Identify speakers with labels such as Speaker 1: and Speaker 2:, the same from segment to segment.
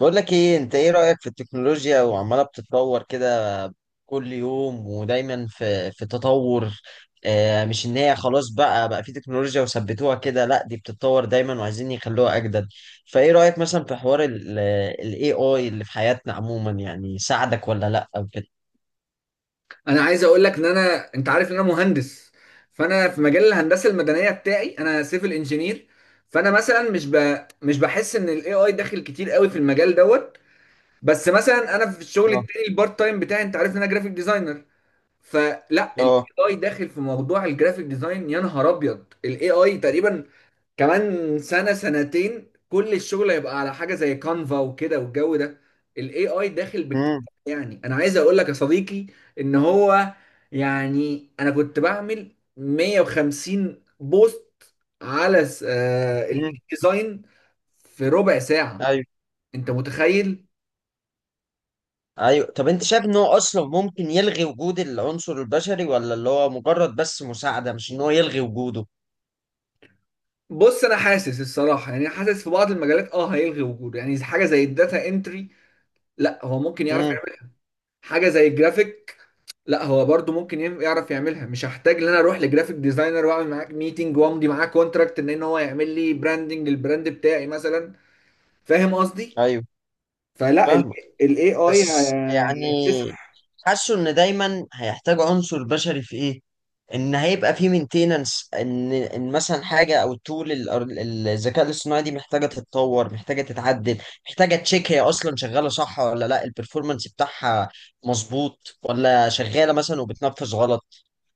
Speaker 1: بقول لك ايه، انت ايه رأيك في التكنولوجيا وعمالة بتتطور كده كل يوم؟ ودايما في تطور. مش ان هي خلاص بقى في تكنولوجيا وثبتوها كده، لا دي بتتطور دايما وعايزين يخلوها اجدد. فايه رأيك مثلا في حوار ال AI اللي في حياتنا عموما؟ يعني ساعدك ولا لا او كده؟
Speaker 2: انا عايز اقول لك ان انت عارف ان انا مهندس. فانا في مجال الهندسه المدنيه بتاعي، انا سيفل انجينير. فانا مثلا مش بحس ان الاي اي داخل كتير قوي في المجال دوت. بس مثلا انا في الشغل
Speaker 1: اه،
Speaker 2: التاني البارت تايم بتاعي، انت عارف ان انا جرافيك ديزاينر. فلا، الاي
Speaker 1: اه،
Speaker 2: اي داخل في موضوع الجرافيك ديزاين. يا نهار ابيض، الاي اي تقريبا كمان سنة سنتين كل الشغل هيبقى على حاجة زي كانفا وكده والجو ده. ال AI داخل باكتساح.
Speaker 1: امم،
Speaker 2: يعني أنا عايز أقول لك يا صديقي إن هو، يعني أنا كنت بعمل 150 بوست على ال
Speaker 1: امم،
Speaker 2: ديزاين في ربع ساعة.
Speaker 1: ايوه،
Speaker 2: أنت متخيل؟
Speaker 1: ايوه. طب انت شايف ان هو اصلا ممكن يلغي وجود العنصر البشري، ولا اللي هو مجرد بس مساعدة مش ان هو يلغي وجوده؟
Speaker 2: بص، أنا حاسس الصراحة، يعني حاسس في بعض المجالات أه هيلغي وجوده. يعني حاجة زي الداتا انتري، لا هو ممكن يعرف.
Speaker 1: امم،
Speaker 2: حاجه زي الجرافيك، لا هو برضو ممكن يعرف يعملها. مش هحتاج ان انا اروح لجرافيك ديزاينر واعمل معاك ميتنج وامضي معاه كونتراكت ان ان هو يعمل لي براندنج للبراند بتاعي مثلا. فاهم قصدي؟
Speaker 1: ايوه،
Speaker 2: فلا،
Speaker 1: فاهمك.
Speaker 2: الاي اي
Speaker 1: بس يعني
Speaker 2: هيكتسح.
Speaker 1: حاسه ان دايما هيحتاج عنصر بشري في ايه، ان هيبقى في مينتيننس، ان مثلا حاجه، او التول الذكاء الاصطناعي دي محتاجه تتطور، محتاجه تتعدل، محتاجه تشيك هي اصلا شغاله صح ولا لا، البرفورمانس بتاعها مظبوط ولا شغاله مثلا وبتنفذ غلط.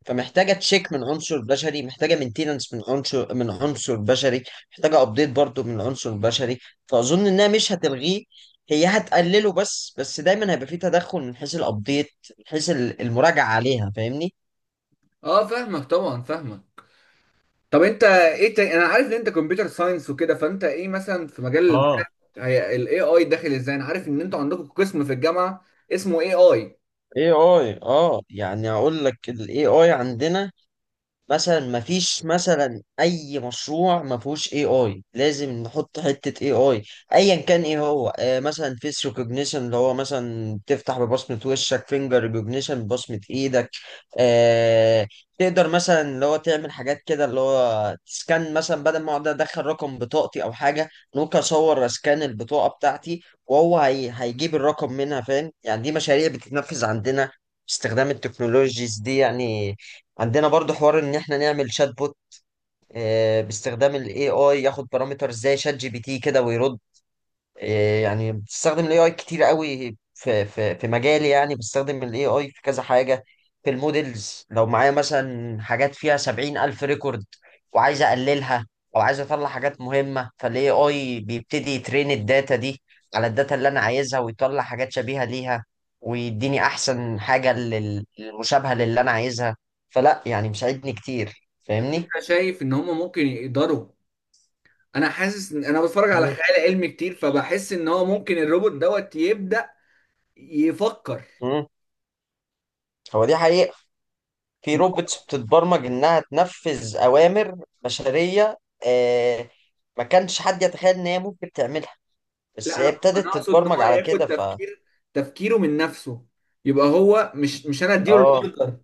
Speaker 1: فمحتاجه تشيك من عنصر بشري، محتاجه مينتيننس من عنصر بشري، محتاجه ابديت برضو من عنصر بشري. فاظن انها مش هتلغيه، هي هتقلله بس دايما هيبقى فيه تدخل من حيث الابديت، من حيث المراجعه عليها، فاهمني؟
Speaker 2: اه فاهمك طبعا، فاهمك. طب انت ايه تاني؟ انا عارف ان انت كمبيوتر ساينس وكده، فانت ايه مثلا في مجال
Speaker 1: اه.
Speaker 2: هي الاي اي داخل ازاي؟ انا عارف ان انتوا عندكم قسم في الجامعه اسمه اي اي.
Speaker 1: اي اي، يعني اقول لك الاي اي عندنا مثلا ما فيش مثلا اي مشروع ما فيهوش اي اي، لازم نحط حته اي اي ايا كان ايه هو. مثلا فيس ريكوجنيشن اللي هو مثلا تفتح ببصمه وشك، فينجر ريكوجنيشن ببصمه ايدك. آه تقدر مثلا اللي هو تعمل حاجات كده، اللي هو تسكان مثلا بدل ما اقعد ادخل رقم بطاقتي او حاجه، ممكن اصور اسكان البطاقه بتاعتي وهو هي هيجيب الرقم منها. فاهم يعني؟ دي مشاريع بتتنفذ عندنا باستخدام التكنولوجيز دي يعني. عندنا برضو حوار ان احنا نعمل شات بوت، باستخدام الاي اي، ياخد بارامتر زي شات جي بي تي كده ويرد. إيه يعني بستخدم الاي اي كتير قوي في مجالي، يعني بستخدم الاي اي في كذا حاجه. في المودلز لو معايا مثلا حاجات فيها 70 ألف ريكورد وعايز اقللها، او عايز اطلع حاجات مهمه، فالاي اي بيبتدي يترين الداتا دي على الداتا اللي انا عايزها، ويطلع حاجات شبيهه ليها، ويديني احسن حاجه المشابهه للي انا عايزها. فلا، يعني مساعدني كتير،
Speaker 2: طب
Speaker 1: فاهمني؟
Speaker 2: انت شايف ان هم ممكن يقدروا؟ انا حاسس ان انا بتفرج على
Speaker 1: مم.
Speaker 2: خيال علمي كتير، فبحس ان هو ممكن الروبوت دوت يبدأ يفكر.
Speaker 1: مم. هو دي حقيقه، في
Speaker 2: ما- هو-
Speaker 1: روبوتس بتتبرمج انها تنفذ اوامر بشريه. آه ما كانش حد يتخيل ان هي ممكن تعملها، بس
Speaker 2: لا
Speaker 1: هي
Speaker 2: انا
Speaker 1: ابتدت
Speaker 2: اقصد ان
Speaker 1: تتبرمج
Speaker 2: هو
Speaker 1: على
Speaker 2: ياخد
Speaker 1: كده، ف
Speaker 2: تفكير، تفكيره من نفسه. يبقى هو مش انا اديله
Speaker 1: آه،
Speaker 2: الاوردر،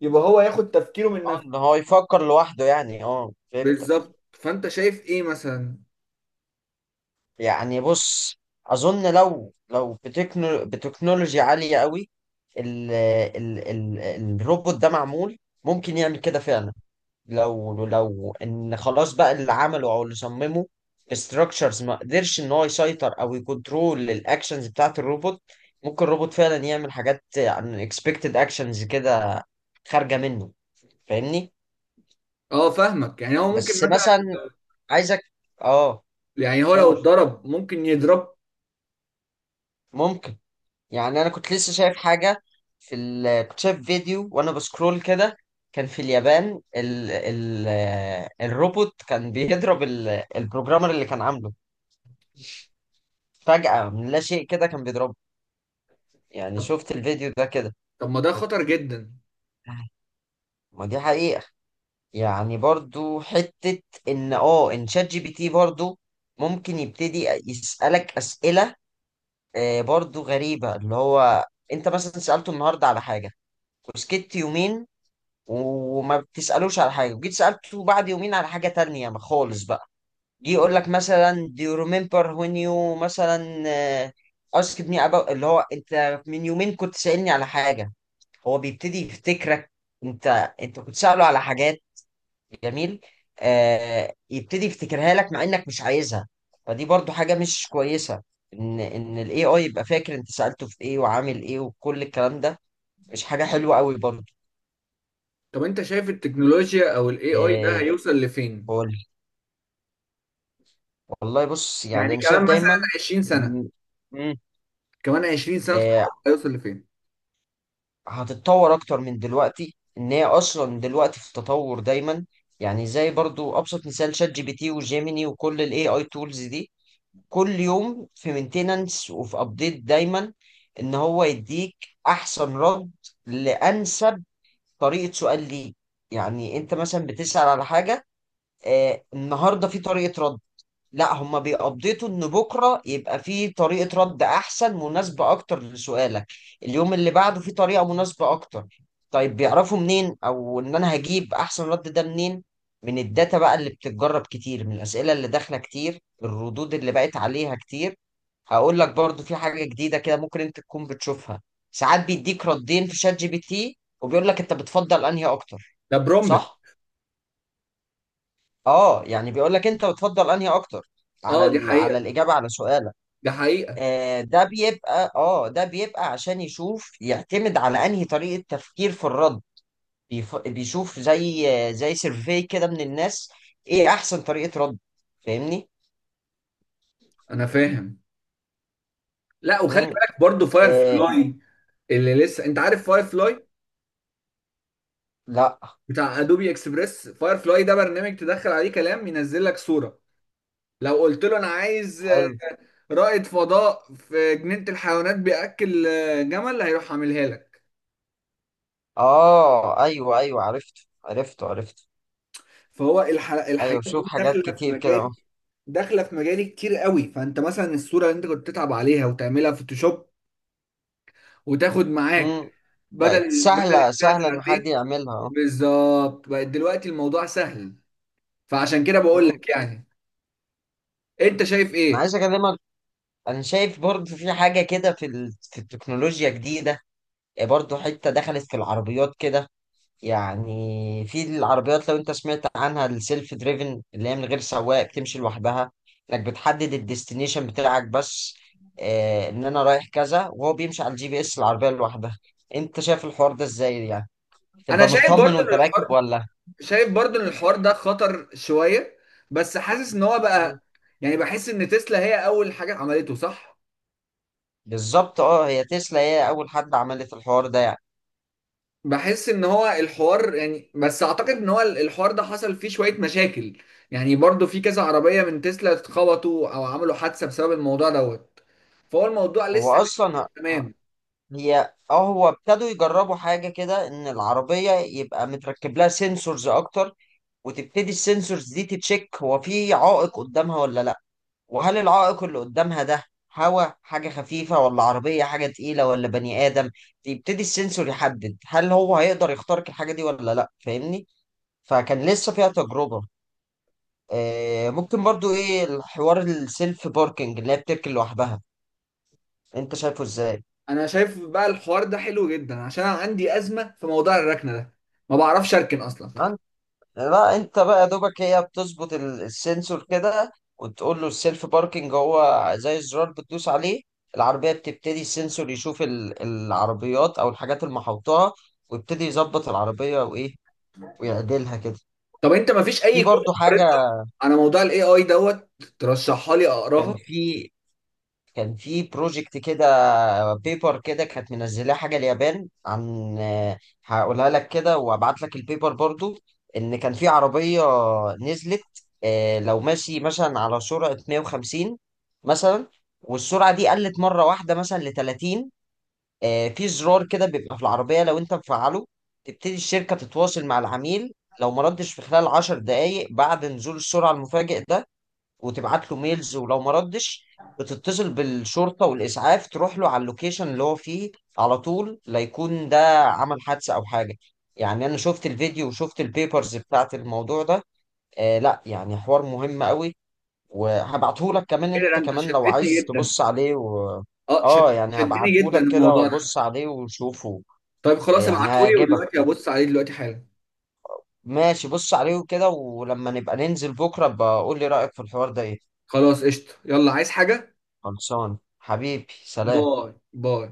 Speaker 2: يبقى هو ياخد تفكيره من نفسه.
Speaker 1: ان هو يفكر لوحده، يعني فهمتك.
Speaker 2: بالظبط. فانت شايف ايه مثلا؟
Speaker 1: يعني بص، اظن لو بتكنولوجيا عاليه قوي الروبوت ده معمول، ممكن يعمل كده فعلا. لو ان خلاص بقى اللي عمله او اللي صممه استراكشرز ما قدرش ان هو يسيطر او يكنترول الاكشنز بتاعت الروبوت، ممكن الروبوت فعلا يعمل حاجات unexpected اكشنز كده خارجه منه. فاهمني؟
Speaker 2: اه فاهمك. يعني هو ممكن
Speaker 1: بس
Speaker 2: مثلا،
Speaker 1: مثلا عايزك، اه
Speaker 2: يعني هو لو
Speaker 1: قول.
Speaker 2: اتضرب ممكن يضرب.
Speaker 1: ممكن، يعني انا كنت لسه شايف حاجه كنت شايف فيديو وانا بسكرول كده. كان في اليابان الروبوت كان بيضرب البروجرامر اللي كان عامله، فجأة من لا شيء كده كان بيضربه. يعني
Speaker 2: طب،
Speaker 1: شفت الفيديو ده كده.
Speaker 2: طب ما ده خطر جدا.
Speaker 1: ما دي حقيقة، يعني برضو حتة ان ان شات جي بي تي برضو ممكن يبتدي يسألك أسئلة، برضو غريبة. اللي هو انت مثلا سألته النهاردة على حاجة وسكت يومين وما بتسألوش على حاجة، وجيت سألته بعد يومين على حاجة تانية ما خالص بقى، جه يقول لك مثلا do you remember when you مثلا asked me about، اللي هو انت من يومين كنت سألني على حاجة. هو بيبتدي يفتكرك انت انت كنت سأله على حاجات. جميل. يبتدي يفتكرها لك مع انك مش عايزها، فدي برضو حاجة مش كويسة، ان ان الاي اي يبقى فاكر انت سألته في ايه وعامل ايه وكل الكلام ده، مش حاجة حلوة قوي برضو.
Speaker 2: طب انت شايف التكنولوجيا او الاي اي ده
Speaker 1: آه.
Speaker 2: هيوصل لفين؟
Speaker 1: وال- والله بص، يعني
Speaker 2: يعني
Speaker 1: انا
Speaker 2: كمان
Speaker 1: شايف
Speaker 2: مثلا
Speaker 1: دايما،
Speaker 2: 20 سنة،
Speaker 1: إن- مم،
Speaker 2: كمان 20 سنة
Speaker 1: آه
Speaker 2: تتحقق هيوصل لفين؟
Speaker 1: هتتطور اكتر من دلوقتي، ان هي اصلا دلوقتي في تطور دايما. يعني زي برضو ابسط مثال، شات جي بي تي وجيميني وكل الاي اي تولز دي كل يوم في مينتيننس وفي ابديت دايما، ان هو يديك احسن رد لانسب طريقه سؤال ليك. يعني انت مثلا بتسال على حاجه، النهارده في طريقه رد، لا هما بيقضيتوا ان بكره يبقى في طريقه رد احسن، مناسبه اكتر لسؤالك، اليوم اللي بعده في طريقه مناسبه اكتر. طيب بيعرفوا منين او ان انا هجيب احسن رد ده منين؟ من الداتا بقى اللي بتتجرب كتير، من الاسئله اللي داخله كتير، الردود اللي بقت عليها كتير. هقول لك برضو في حاجه جديده كده ممكن انت تكون بتشوفها، ساعات بيديك ردين في شات جي بي تي وبيقول لك انت بتفضل انهي اكتر.
Speaker 2: ده برومبل.
Speaker 1: صح. اه يعني بيقول لك انت بتفضل انهي اكتر على
Speaker 2: اه دي حقيقة،
Speaker 1: على الاجابه على سؤالك.
Speaker 2: دي حقيقة.
Speaker 1: ده بيبقى عشان يشوف، يعتمد على انهي طريقة تفكير في الرد. بيشوف زي زي سيرفي كده من الناس، ايه احسن طريقة رد. فاهمني؟
Speaker 2: انا فاهم. لا وخلي
Speaker 1: امم.
Speaker 2: بالك برضو فاير
Speaker 1: آه.
Speaker 2: فلاي. اللي لسه، انت عارف فاير فلاي
Speaker 1: لا.
Speaker 2: بتاع ادوبي اكسبريس؟ فاير فلاي ده برنامج تدخل عليه كلام ينزل لك صورة. لو قلت له انا عايز
Speaker 1: حلو.
Speaker 2: رائد فضاء في جنينة الحيوانات بيأكل جمل هيروح عاملها لك.
Speaker 1: اه، ايوه، ايوه، عرفته، عرفته، عرفته.
Speaker 2: فهو
Speaker 1: ايوه،
Speaker 2: الحاجات دي
Speaker 1: شوف حاجات
Speaker 2: داخلة في
Speaker 1: كتير كده
Speaker 2: مجال،
Speaker 1: اهو.
Speaker 2: داخله في مجالي كتير قوي. فانت مثلا الصوره اللي انت كنت تتعب عليها وتعملها فوتوشوب وتاخد معاك
Speaker 1: امم. بقت
Speaker 2: بدل
Speaker 1: سهلة،
Speaker 2: الساعة
Speaker 1: سهلة ان حد
Speaker 2: ساعتين.
Speaker 1: يعملها اهو.
Speaker 2: بالظبط، بقت دلوقتي الموضوع سهل. فعشان كده بقول
Speaker 1: امم.
Speaker 2: لك، يعني انت شايف
Speaker 1: انا
Speaker 2: ايه؟
Speaker 1: عايز اكلمك. انا شايف برضه في حاجة كده في التكنولوجيا جديدة برضه، حتة دخلت في العربيات كده. يعني في العربيات، لو انت سمعت عنها، السيلف دريفن، اللي هي من غير سواق بتمشي لوحدها. انك بتحدد الديستنيشن بتاعك بس، اه، ان انا رايح كذا وهو بيمشي على الجي بي اس، العربية لوحدها. انت شايف الحوار ده ازاي؟ يعني
Speaker 2: انا
Speaker 1: تبقى
Speaker 2: شايف برضو
Speaker 1: مطمن
Speaker 2: ان
Speaker 1: وانت
Speaker 2: الحوار،
Speaker 1: راكب ولا؟
Speaker 2: شايف برضو ان الحوار ده خطر شوية. بس حاسس ان هو
Speaker 1: مم.
Speaker 2: بقى، يعني بحس ان تسلا هي اول حاجة عملته، صح.
Speaker 1: بالظبط، اه، هي تسلا هي اول حد عملت الحوار ده يعني.
Speaker 2: بحس ان هو الحوار، يعني بس اعتقد ان هو الحوار ده حصل فيه شوية مشاكل. يعني برضو في كذا عربية من تسلا اتخبطوا او عملوا حادثة بسبب الموضوع دوت. فهو الموضوع
Speaker 1: هو
Speaker 2: لسه مش
Speaker 1: اصلا ه-
Speaker 2: تمام.
Speaker 1: هي اه هو ابتدوا يجربوا حاجة كده، ان العربية يبقى متركب لها سنسورز اكتر، وتبتدي السنسورز دي تتشيك هو في عائق قدامها ولا لا، وهل العائق اللي قدامها ده هوا حاجة خفيفة ولا عربية حاجة تقيلة ولا بني آدم. يبتدي السنسور يحدد هل هو هيقدر يخترق الحاجة دي ولا لا، فاهمني؟ فكان لسه فيها تجربة. ممكن برضو ايه الحوار السيلف باركينج اللي هي بتركن لوحدها، انت شايفه ازاي؟
Speaker 2: انا شايف بقى الحوار ده حلو جدا عشان انا عندي ازمه في موضوع الركنه ده، ما بعرفش اركن اصلا.
Speaker 1: لا انت بقى يا دوبك، هي بتظبط السنسور كده، وتقول له السيلف باركينج هو زي الزرار بتدوس عليه، العربية بتبتدي السنسور يشوف العربيات او الحاجات اللي محوطاها، ويبتدي يظبط العربية وايه، ويعدلها كده.
Speaker 2: طب انت ما فيش
Speaker 1: في
Speaker 2: اي كتب
Speaker 1: برضو حاجة،
Speaker 2: قريتها على موضوع الاي اي دوت ترشحها لي
Speaker 1: كان
Speaker 2: اقراها؟
Speaker 1: في كان في بروجكت كده، بيبر كده كانت منزلاه حاجه اليابان عن، هقولها لك كده وابعت لك البيبر برضو. ان كان في عربيه نزلت، لو ماشي مثلا على سرعه 150 مثلا، والسرعه دي قلت مره واحده مثلا ل 30، في زرار كده بيبقى في العربيه لو انت مفعله، تبتدي الشركه تتواصل مع العميل. لو ما ردش في خلال 10 دقائق بعد نزول السرعه المفاجئ ده، وتبعت له ميلز، ولو ما ردش بتتصل بالشرطة والإسعاف تروح له على اللوكيشن اللي هو فيه على طول، لا يكون ده عمل حادثة أو حاجة. يعني أنا شفت الفيديو وشفت البيبرز بتاعت الموضوع ده، آه، لا يعني حوار مهم قوي، وهبعته لك كمان
Speaker 2: ايه ده،
Speaker 1: أنت،
Speaker 2: انت
Speaker 1: كمان لو
Speaker 2: شدتني
Speaker 1: عايز
Speaker 2: جدا.
Speaker 1: تبص عليه و...
Speaker 2: اه
Speaker 1: آه يعني
Speaker 2: شدني
Speaker 1: هبعته
Speaker 2: جدا
Speaker 1: لك كده،
Speaker 2: الموضوع ده.
Speaker 1: وبص عليه وشوفه.
Speaker 2: طيب خلاص،
Speaker 1: يعني
Speaker 2: ابعتهولي
Speaker 1: هيعجبك.
Speaker 2: ودلوقتي ابص عليه دلوقتي حالا.
Speaker 1: ماشي، بص عليه كده ولما نبقى ننزل بكرة بقول لي رأيك في الحوار ده إيه.
Speaker 2: خلاص قشطه، يلا عايز حاجه؟
Speaker 1: خلصان حبيبي، سلام.
Speaker 2: باي باي.